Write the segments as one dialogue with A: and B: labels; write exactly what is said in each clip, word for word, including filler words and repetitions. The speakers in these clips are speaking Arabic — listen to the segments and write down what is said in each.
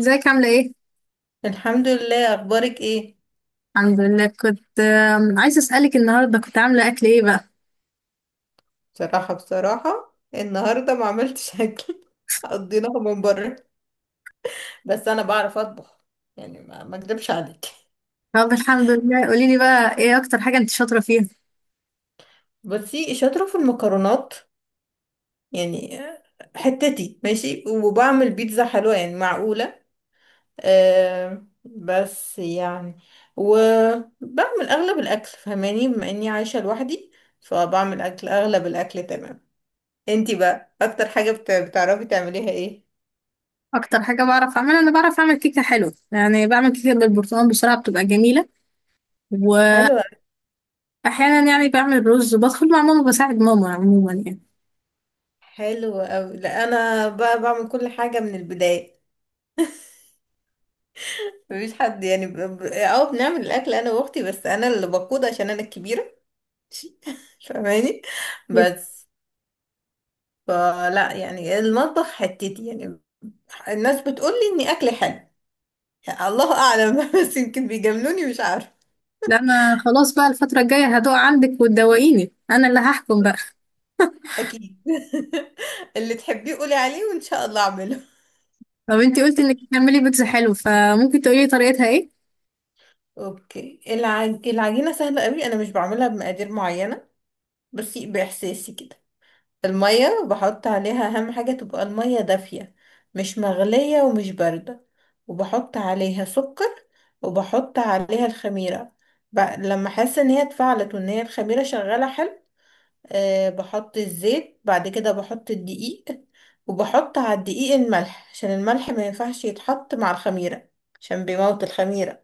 A: ازيك؟ عاملة ايه؟
B: الحمد لله. اخبارك ايه؟
A: الحمد لله كنت آم، عايزة اسألك النهاردة كنت عاملة اكل ايه بقى؟
B: بصراحه بصراحه النهارده ما عملتش اكل قضيناها من بره. بس انا بعرف اطبخ، يعني ما ما اكدبش عليك.
A: طب الحمد لله قولي لي بقى ايه اكتر حاجة انت شاطرة فيها؟
B: بصي شاطره في المكرونات يعني، حتتي ماشي. وبعمل بيتزا حلوه يعني، معقوله. أه بس يعني، وبعمل اغلب الاكل فهماني، بما اني عايشه لوحدي فبعمل اكل، اغلب الاكل تمام. انتي بقى اكتر حاجه بت- بتعرفي تعمليها ايه؟
A: اكتر حاجة بعرف اعملها، انا بعرف اعمل كيكة حلوة، يعني بعمل كيكة بالبرتقال بسرعة بتبقى جميلة.
B: حلو.
A: واحيانا يعني بعمل رز، بدخل مع ماما، بساعد ماما عموما يعني.
B: حلو أوي. لا أنا بقى بعمل كل حاجة من البداية، مفيش حد. يعني ب... ب... اه بنعمل الأكل أنا وأختي، بس أنا اللي بقود عشان أنا الكبيرة فاهماني. بس فلا يعني المطبخ حتتي يعني، الناس بتقولي إني أكلي حلو. يعني الله أعلم بس يمكن بيجاملوني مش عارفة.
A: لا انا خلاص بقى الفترة الجاية هدوق عندك وتدوقيني، انا اللي هحكم بقى.
B: أكيد اللي تحبيه قولي عليه وإن شاء الله أعمله.
A: طب انت قلتي انك بتعملي بيتزا حلو، فممكن تقولي لي طريقتها ايه؟
B: أوكي، العج... العجينة سهلة أوي. أنا مش بعملها بمقادير معينة، بس بإحساسي كده. المية بحط عليها، أهم حاجة تبقى المية دافية، مش مغلية ومش باردة. وبحط عليها سكر، وبحط عليها الخميرة. ب... لما أحس إن هي اتفعلت وإن هي الخميرة شغالة حلو، أه بحط الزيت. بعد كده بحط الدقيق، وبحط على الدقيق الملح، عشان الملح ما ينفعش يتحط مع الخميرة عشان بيموت الخميرة.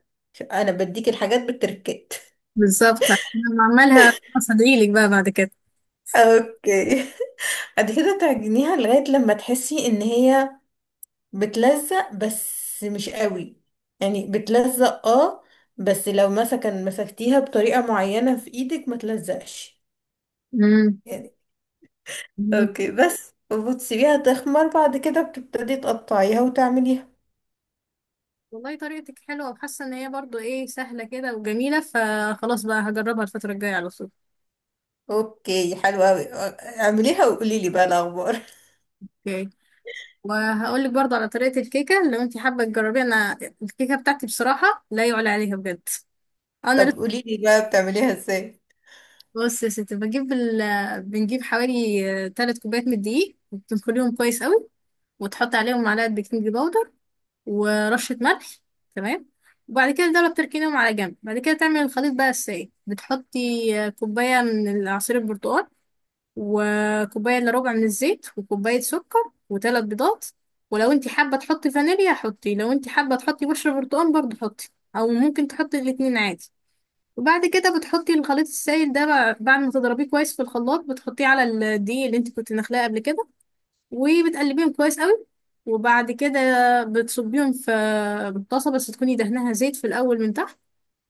B: أنا بديك الحاجات بالتركات
A: بالظبط، انا بعملها هصدعيلك بقى بعد كده.
B: اوكي. بعد كده تعجنيها لغاية لما تحسي ان هي بتلزق، بس مش قوي. يعني بتلزق اه، بس لو مثلا مسكتيها بطريقة معينة في ايدك ما تلزقش يعني.
A: مم.
B: اوكي، بس وبتسيبيها تخمر. بعد كده بتبتدي تقطعيها وتعمليها.
A: والله طريقتك حلوة وحاسة ان هي برضو ايه سهلة كده وجميلة، فخلاص بقى هجربها الفترة الجاية على طول.
B: اوكي حلوة اوي. اعمليها وقولي لي بقى الاخبار
A: اوكي، وهقول لك برضو على طريقة الكيكة لو انت حابة تجربيها. انا الكيكة بتاعتي بصراحة لا يعلى عليها بجد. انا
B: طب
A: لسه
B: قولي لي بقى بتعمليها ازاي؟
A: بص يا ستي، بجيب ال... بنجيب حوالي ثلاث كوبايات من الدقيق وبتنخليهم كويس قوي، وتحط عليهم معلقة بيكنج باودر ورشة ملح، تمام. وبعد كده دول بتركينهم على جنب، بعد كده تعمل الخليط بقى السائل، بتحطي كوباية من عصير البرتقال وكوباية الا ربع من الزيت وكوباية سكر وثلاث بيضات. ولو انت حابة تحطي فانيليا حطي، لو انت حابة تحطي بشرة برتقال برضه حطي، او ممكن تحطي الاتنين عادي. وبعد كده بتحطي الخليط السائل ده بع- بعد ما تضربيه كويس في الخلاط، بتحطيه على الدقيق اللي انت كنت نخلاه قبل كده، وبتقلبيهم كويس قوي. وبعد كده بتصبيهم في طاسة، بس تكوني دهنها زيت في الأول من تحت.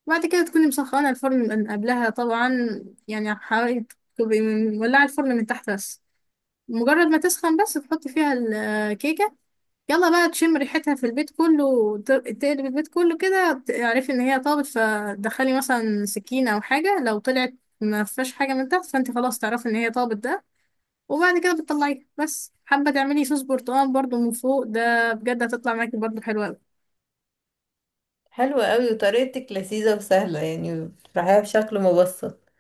A: وبعد كده تكوني مسخنة الفرن من قبلها طبعا، يعني حوالي، تبقي مولعة الفرن من تحت بس. مجرد ما تسخن بس تحط فيها الكيكة. يلا بقى تشم ريحتها في البيت كله، وت- تقلب البيت كله كده، تعرفي ان هي طابت. فدخلي مثلا سكينة او حاجة، لو طلعت ما فيهاش حاجة من تحت فانت خلاص تعرفي ان هي طابت ده. وبعد كده بتطلعيها، بس حابة تعملي صوص برتقال برضو من فوق، ده بجد هتطلع معاكي برضو حلوة اوي.
B: حلوة قوي، وطريقتك لذيذة وسهلة، يعني بتفرحيها بشكل مبسط.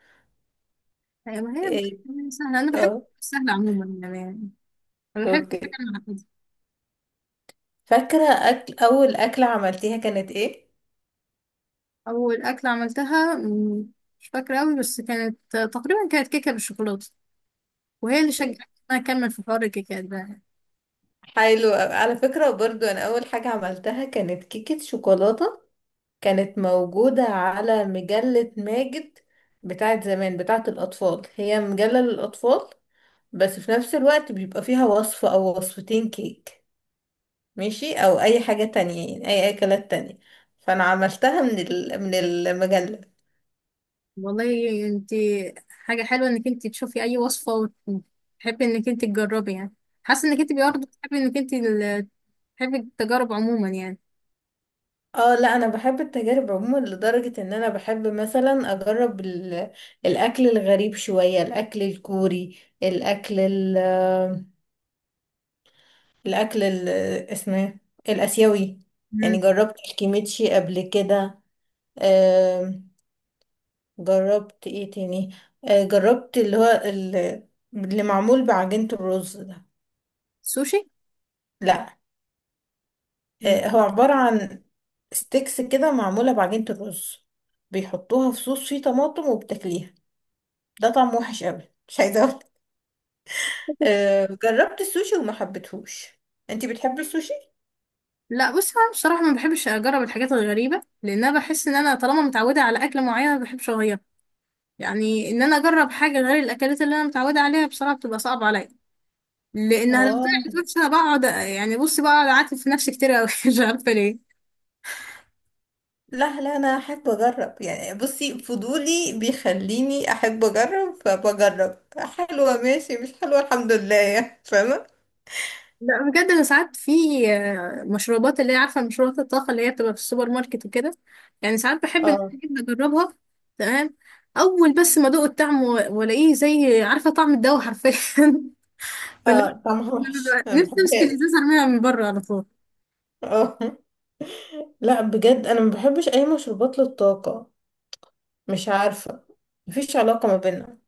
A: أيوة، ما هي
B: ايه.
A: بتبقى سهلة. انا بحب
B: اه.
A: سهلة عموما يعني، انا بحب
B: اوكي.
A: حاجة معقدة.
B: فاكرة أكل أول أكلة عملتيها كانت ايه؟
A: اول اكلة عملتها مم، مش فاكرة اوي، بس كانت تقريبا كانت كيكة بالشوكولاتة، وهي اللي شجعتني ان انا اكمل في حوار الكيكات ده.
B: حلو أوي. على فكرة برضو أنا أول حاجة عملتها كانت كيكة شوكولاتة. كانت موجودة على مجلة ماجد بتاعت زمان، بتاعت الأطفال. هي مجلة للأطفال، بس في نفس الوقت بيبقى فيها وصفة أو وصفتين كيك ماشي، أو أي حاجة تانية يعني أي أكلات تانية. فأنا عملتها من ال... من المجلة.
A: والله انت حاجه حلوه انك انت تشوفي اي وصفه وتحبي انك انت تجربي يعني. حاسه انك انت برضه بتحبي انك انت ال- تحبي التجارب عموما يعني.
B: اه لا انا بحب التجارب عموما، لدرجة ان انا بحب مثلا اجرب ال... الاكل الغريب شوية، الاكل الكوري، الاكل ال الأكل ال- اسمه إيه؟ الآسيوي. يعني
A: مم.
B: جربت الكيميتشي قبل كده. آم، جربت ايه تاني؟ آه، جربت اللي هو ال- اللي معمول بعجينة الرز ده.
A: سوشي.
B: لا.
A: مم.
B: آه، هو عبارة عن ستيكس كده معمولة بعجينة الرز، بيحطوها في صوص فيه طماطم وبتاكليها. ده طعم وحش قوي، مش عايزة أقول. آه، جربت السوشي وما حبيتهوش. انتي بتحبي السوشي؟
A: لا بص، انا بصراحه ما بحبش اجرب الحاجات الغريبه، لان انا بحس ان انا طالما متعوده على اكله معينه ما بحبش اغيرها. يعني ان انا اجرب حاجه غير الاكلات اللي انا متعوده عليها بصراحه بتبقى صعبه عليا، لانها لو طلعت
B: اه.
A: وحشه انا بقعد، يعني بصي بقعد اعاتب في نفسي كتير قوي. مش عارفه ليه.
B: لا لا انا احب اجرب، يعني بصي فضولي بيخليني احب اجرب، فبجرب. حلوه ماشي، مش حلوه الحمد لله، يعني فاهمه.
A: لا بجد انا ساعات في آه، مشروبات اللي هي عارفه، مشروبات الطاقه اللي هي بتبقى في السوبر ماركت وكده، يعني ساعات بحب ان انا
B: اه.
A: أجيب اجربها. تمام. اول بس ما ادوق الطعم و- والاقيه زي عارفه طعم الدواء حرفيا. فلا،
B: اه طعمها
A: أنا
B: وحش،
A: ببقى
B: انا ما
A: نفسي امسك
B: بحبهاش.
A: الازازه ارميها من بره على طول.
B: اه لا بجد انا ما بحبش اي مشروبات للطاقه، مش عارفه، مفيش علاقه ما بيننا.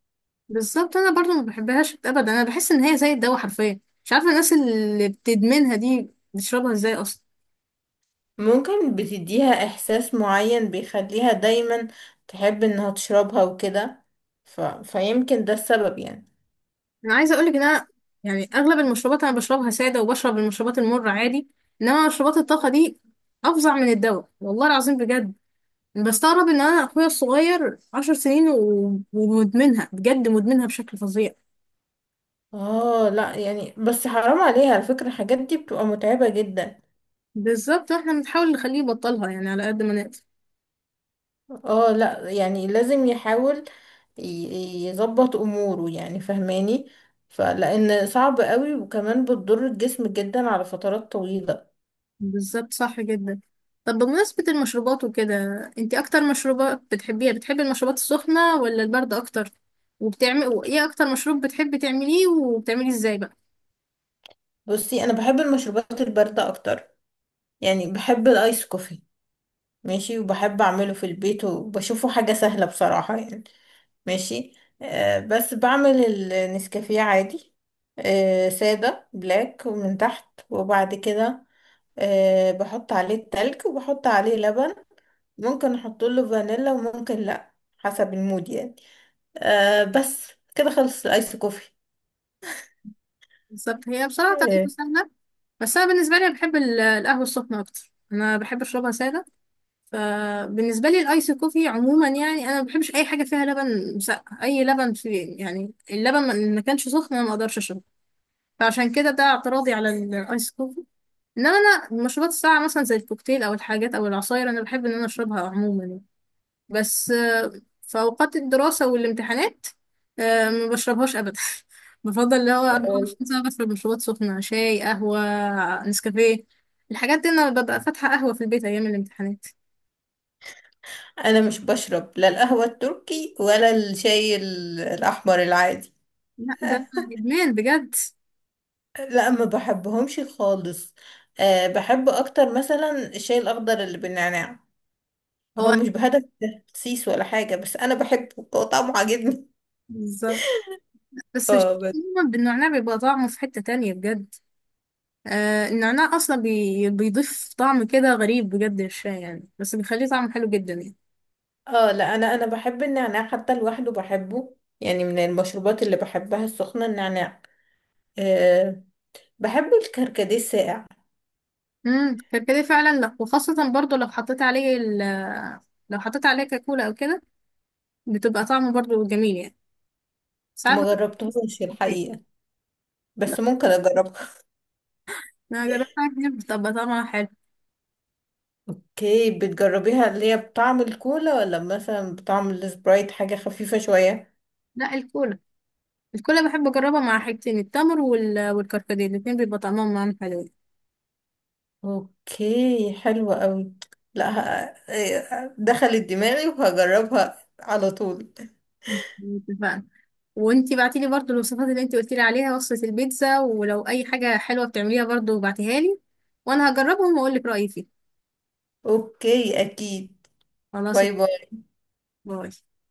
A: بالظبط، انا برضو ما بحبهاش ابدا، انا بحس ان هي زي الدواء حرفيا. مش عارفه الناس اللي بتدمنها دي بتشربها ازاي اصلا.
B: ممكن بتديها احساس معين بيخليها دايما تحب انها تشربها وكده، ف... فيمكن ده السبب يعني.
A: انا عايزه اقولك ان انا يعني اغلب المشروبات انا بشربها ساده، وبشرب المشروبات المره عادي. انما مشروبات الطاقه دي افظع من الدواء والله العظيم بجد. بستغرب ان انا اخويا الصغير عشر سنين و- ومدمنها، بجد مدمنها بشكل فظيع.
B: اه. لا يعني، بس حرام عليها، على فكرة الحاجات دي بتبقى متعبة جدا.
A: بالظبط، احنا بنحاول نخليه يبطلها يعني على قد ما نقدر.
B: اه لا يعني لازم يحاول، ي- يظبط اموره يعني فهماني، فلان صعب قوي، وكمان بتضر الجسم جدا على فترات طويلة.
A: بالظبط، صح جدا. طب بمناسبة المشروبات وكده، انتي اكتر مشروبات بتحبيها، بتحبي المشروبات السخنة ولا الباردة اكتر؟ وبتعمل ايه اكتر مشروب بتحبي تعمليه، وبتعمليه ازاي بقى؟
B: بصي انا بحب المشروبات الباردة اكتر، يعني بحب الايس كوفي ماشي، وبحب اعمله في البيت وبشوفه حاجة سهلة بصراحة يعني. ماشي. آه بس بعمل النسكافيه عادي، آه سادة بلاك ومن تحت، وبعد كده آه بحط عليه التلج وبحط عليه لبن، ممكن احط له فانيلا وممكن لا حسب المود يعني. آه بس كده خلص الايس كوفي.
A: بالظبط هي بصراحة
B: آه.
A: طريقته سهلة، بس أنا بالنسبة لي بحب ال- القهوة السخنة أكتر. أنا بحب أشربها سادة، فبالنسبة لي الأيس كوفي عموما يعني أنا ما بحبش أي حاجة فيها لبن مسقع، أي لبن في يعني اللبن ما ما كانش سخن أنا ما أقدرش أشربه. فعشان كده ده اعتراضي على الأيس كوفي. إنما أنا المشروبات الساقعة مثلا زي الكوكتيل أو الحاجات أو العصاير أنا بحب إن أنا أشربها عموما يعني. بس آه، في أوقات الدراسة والامتحانات آه، ما بشربهاش أبدا. بفضل اللي هو
B: آه،
A: اربعة وعشرين ساعة بشرب مشروبات سخنة، شاي، قهوة، نسكافيه، الحاجات دي. أنا ببقى فاتحة قهوة في البيت أيام الامتحانات.
B: انا مش بشرب لا القهوة التركي ولا الشاي ال- الاحمر العادي
A: لا ده إدمان بجد.
B: لا ما بحبهمش خالص. أه بحب اكتر مثلا الشاي الاخضر اللي بالنعناع. هو
A: هو
B: مش بهدف تخسيس ولا حاجة، بس أنا بحبه، هو طعمه عاجبني.
A: بالظبط بس الشاي
B: اه بس.
A: عموماً بالنعناع بيبقى طعمه في حتة تانية بجد. آه النعناع أصلا بي... بيضيف طعم كده غريب بجد للشاي يعني، بس بيخليه طعمه حلو جدا يعني.
B: اه لا أنا أنا بحب النعناع حتى لوحده بحبه، يعني من المشروبات اللي بحبها السخنة النعناع. أه بحب الكركديه الساقع.
A: امم كركديه فعلا، لو وخاصة برضو لو حطيت عليه ال، لو حطيت عليه كاكولا او كده بتبقى طعمه برضو جميل يعني، ساعات.
B: ما جربتهوش
A: بحب-.
B: الحقيقة،
A: لا،
B: بس ممكن أجربها.
A: انا جربت حاجة كتير بتبقى طعمها حلو.
B: اوكي بتجربيها اللي هي بطعم الكولا ولا مثلا بطعم السبرايت، حاجة خفيفة شوية؟
A: لا الكولا، الكولا بحب اجربها مع حاجتين، التمر وال... والكركديه، الاتنين بيبقى طعمهم معاهم حلو.
B: اوكي حلوة قوي. لا ه- آه، آه، دخلت دماغي وهجربها على طول.
A: مم. اتفقنا. وانتي بعتيلي برضو الوصفات اللي انتي قلتيلي عليها، وصفة البيتزا، ولو اي حاجة حلوة بتعمليها برضو بعتيها لي، وانا هجربهم واقولك رأيي فيه.
B: اوكي اكيد.
A: خلاص،
B: باي باي.
A: باي.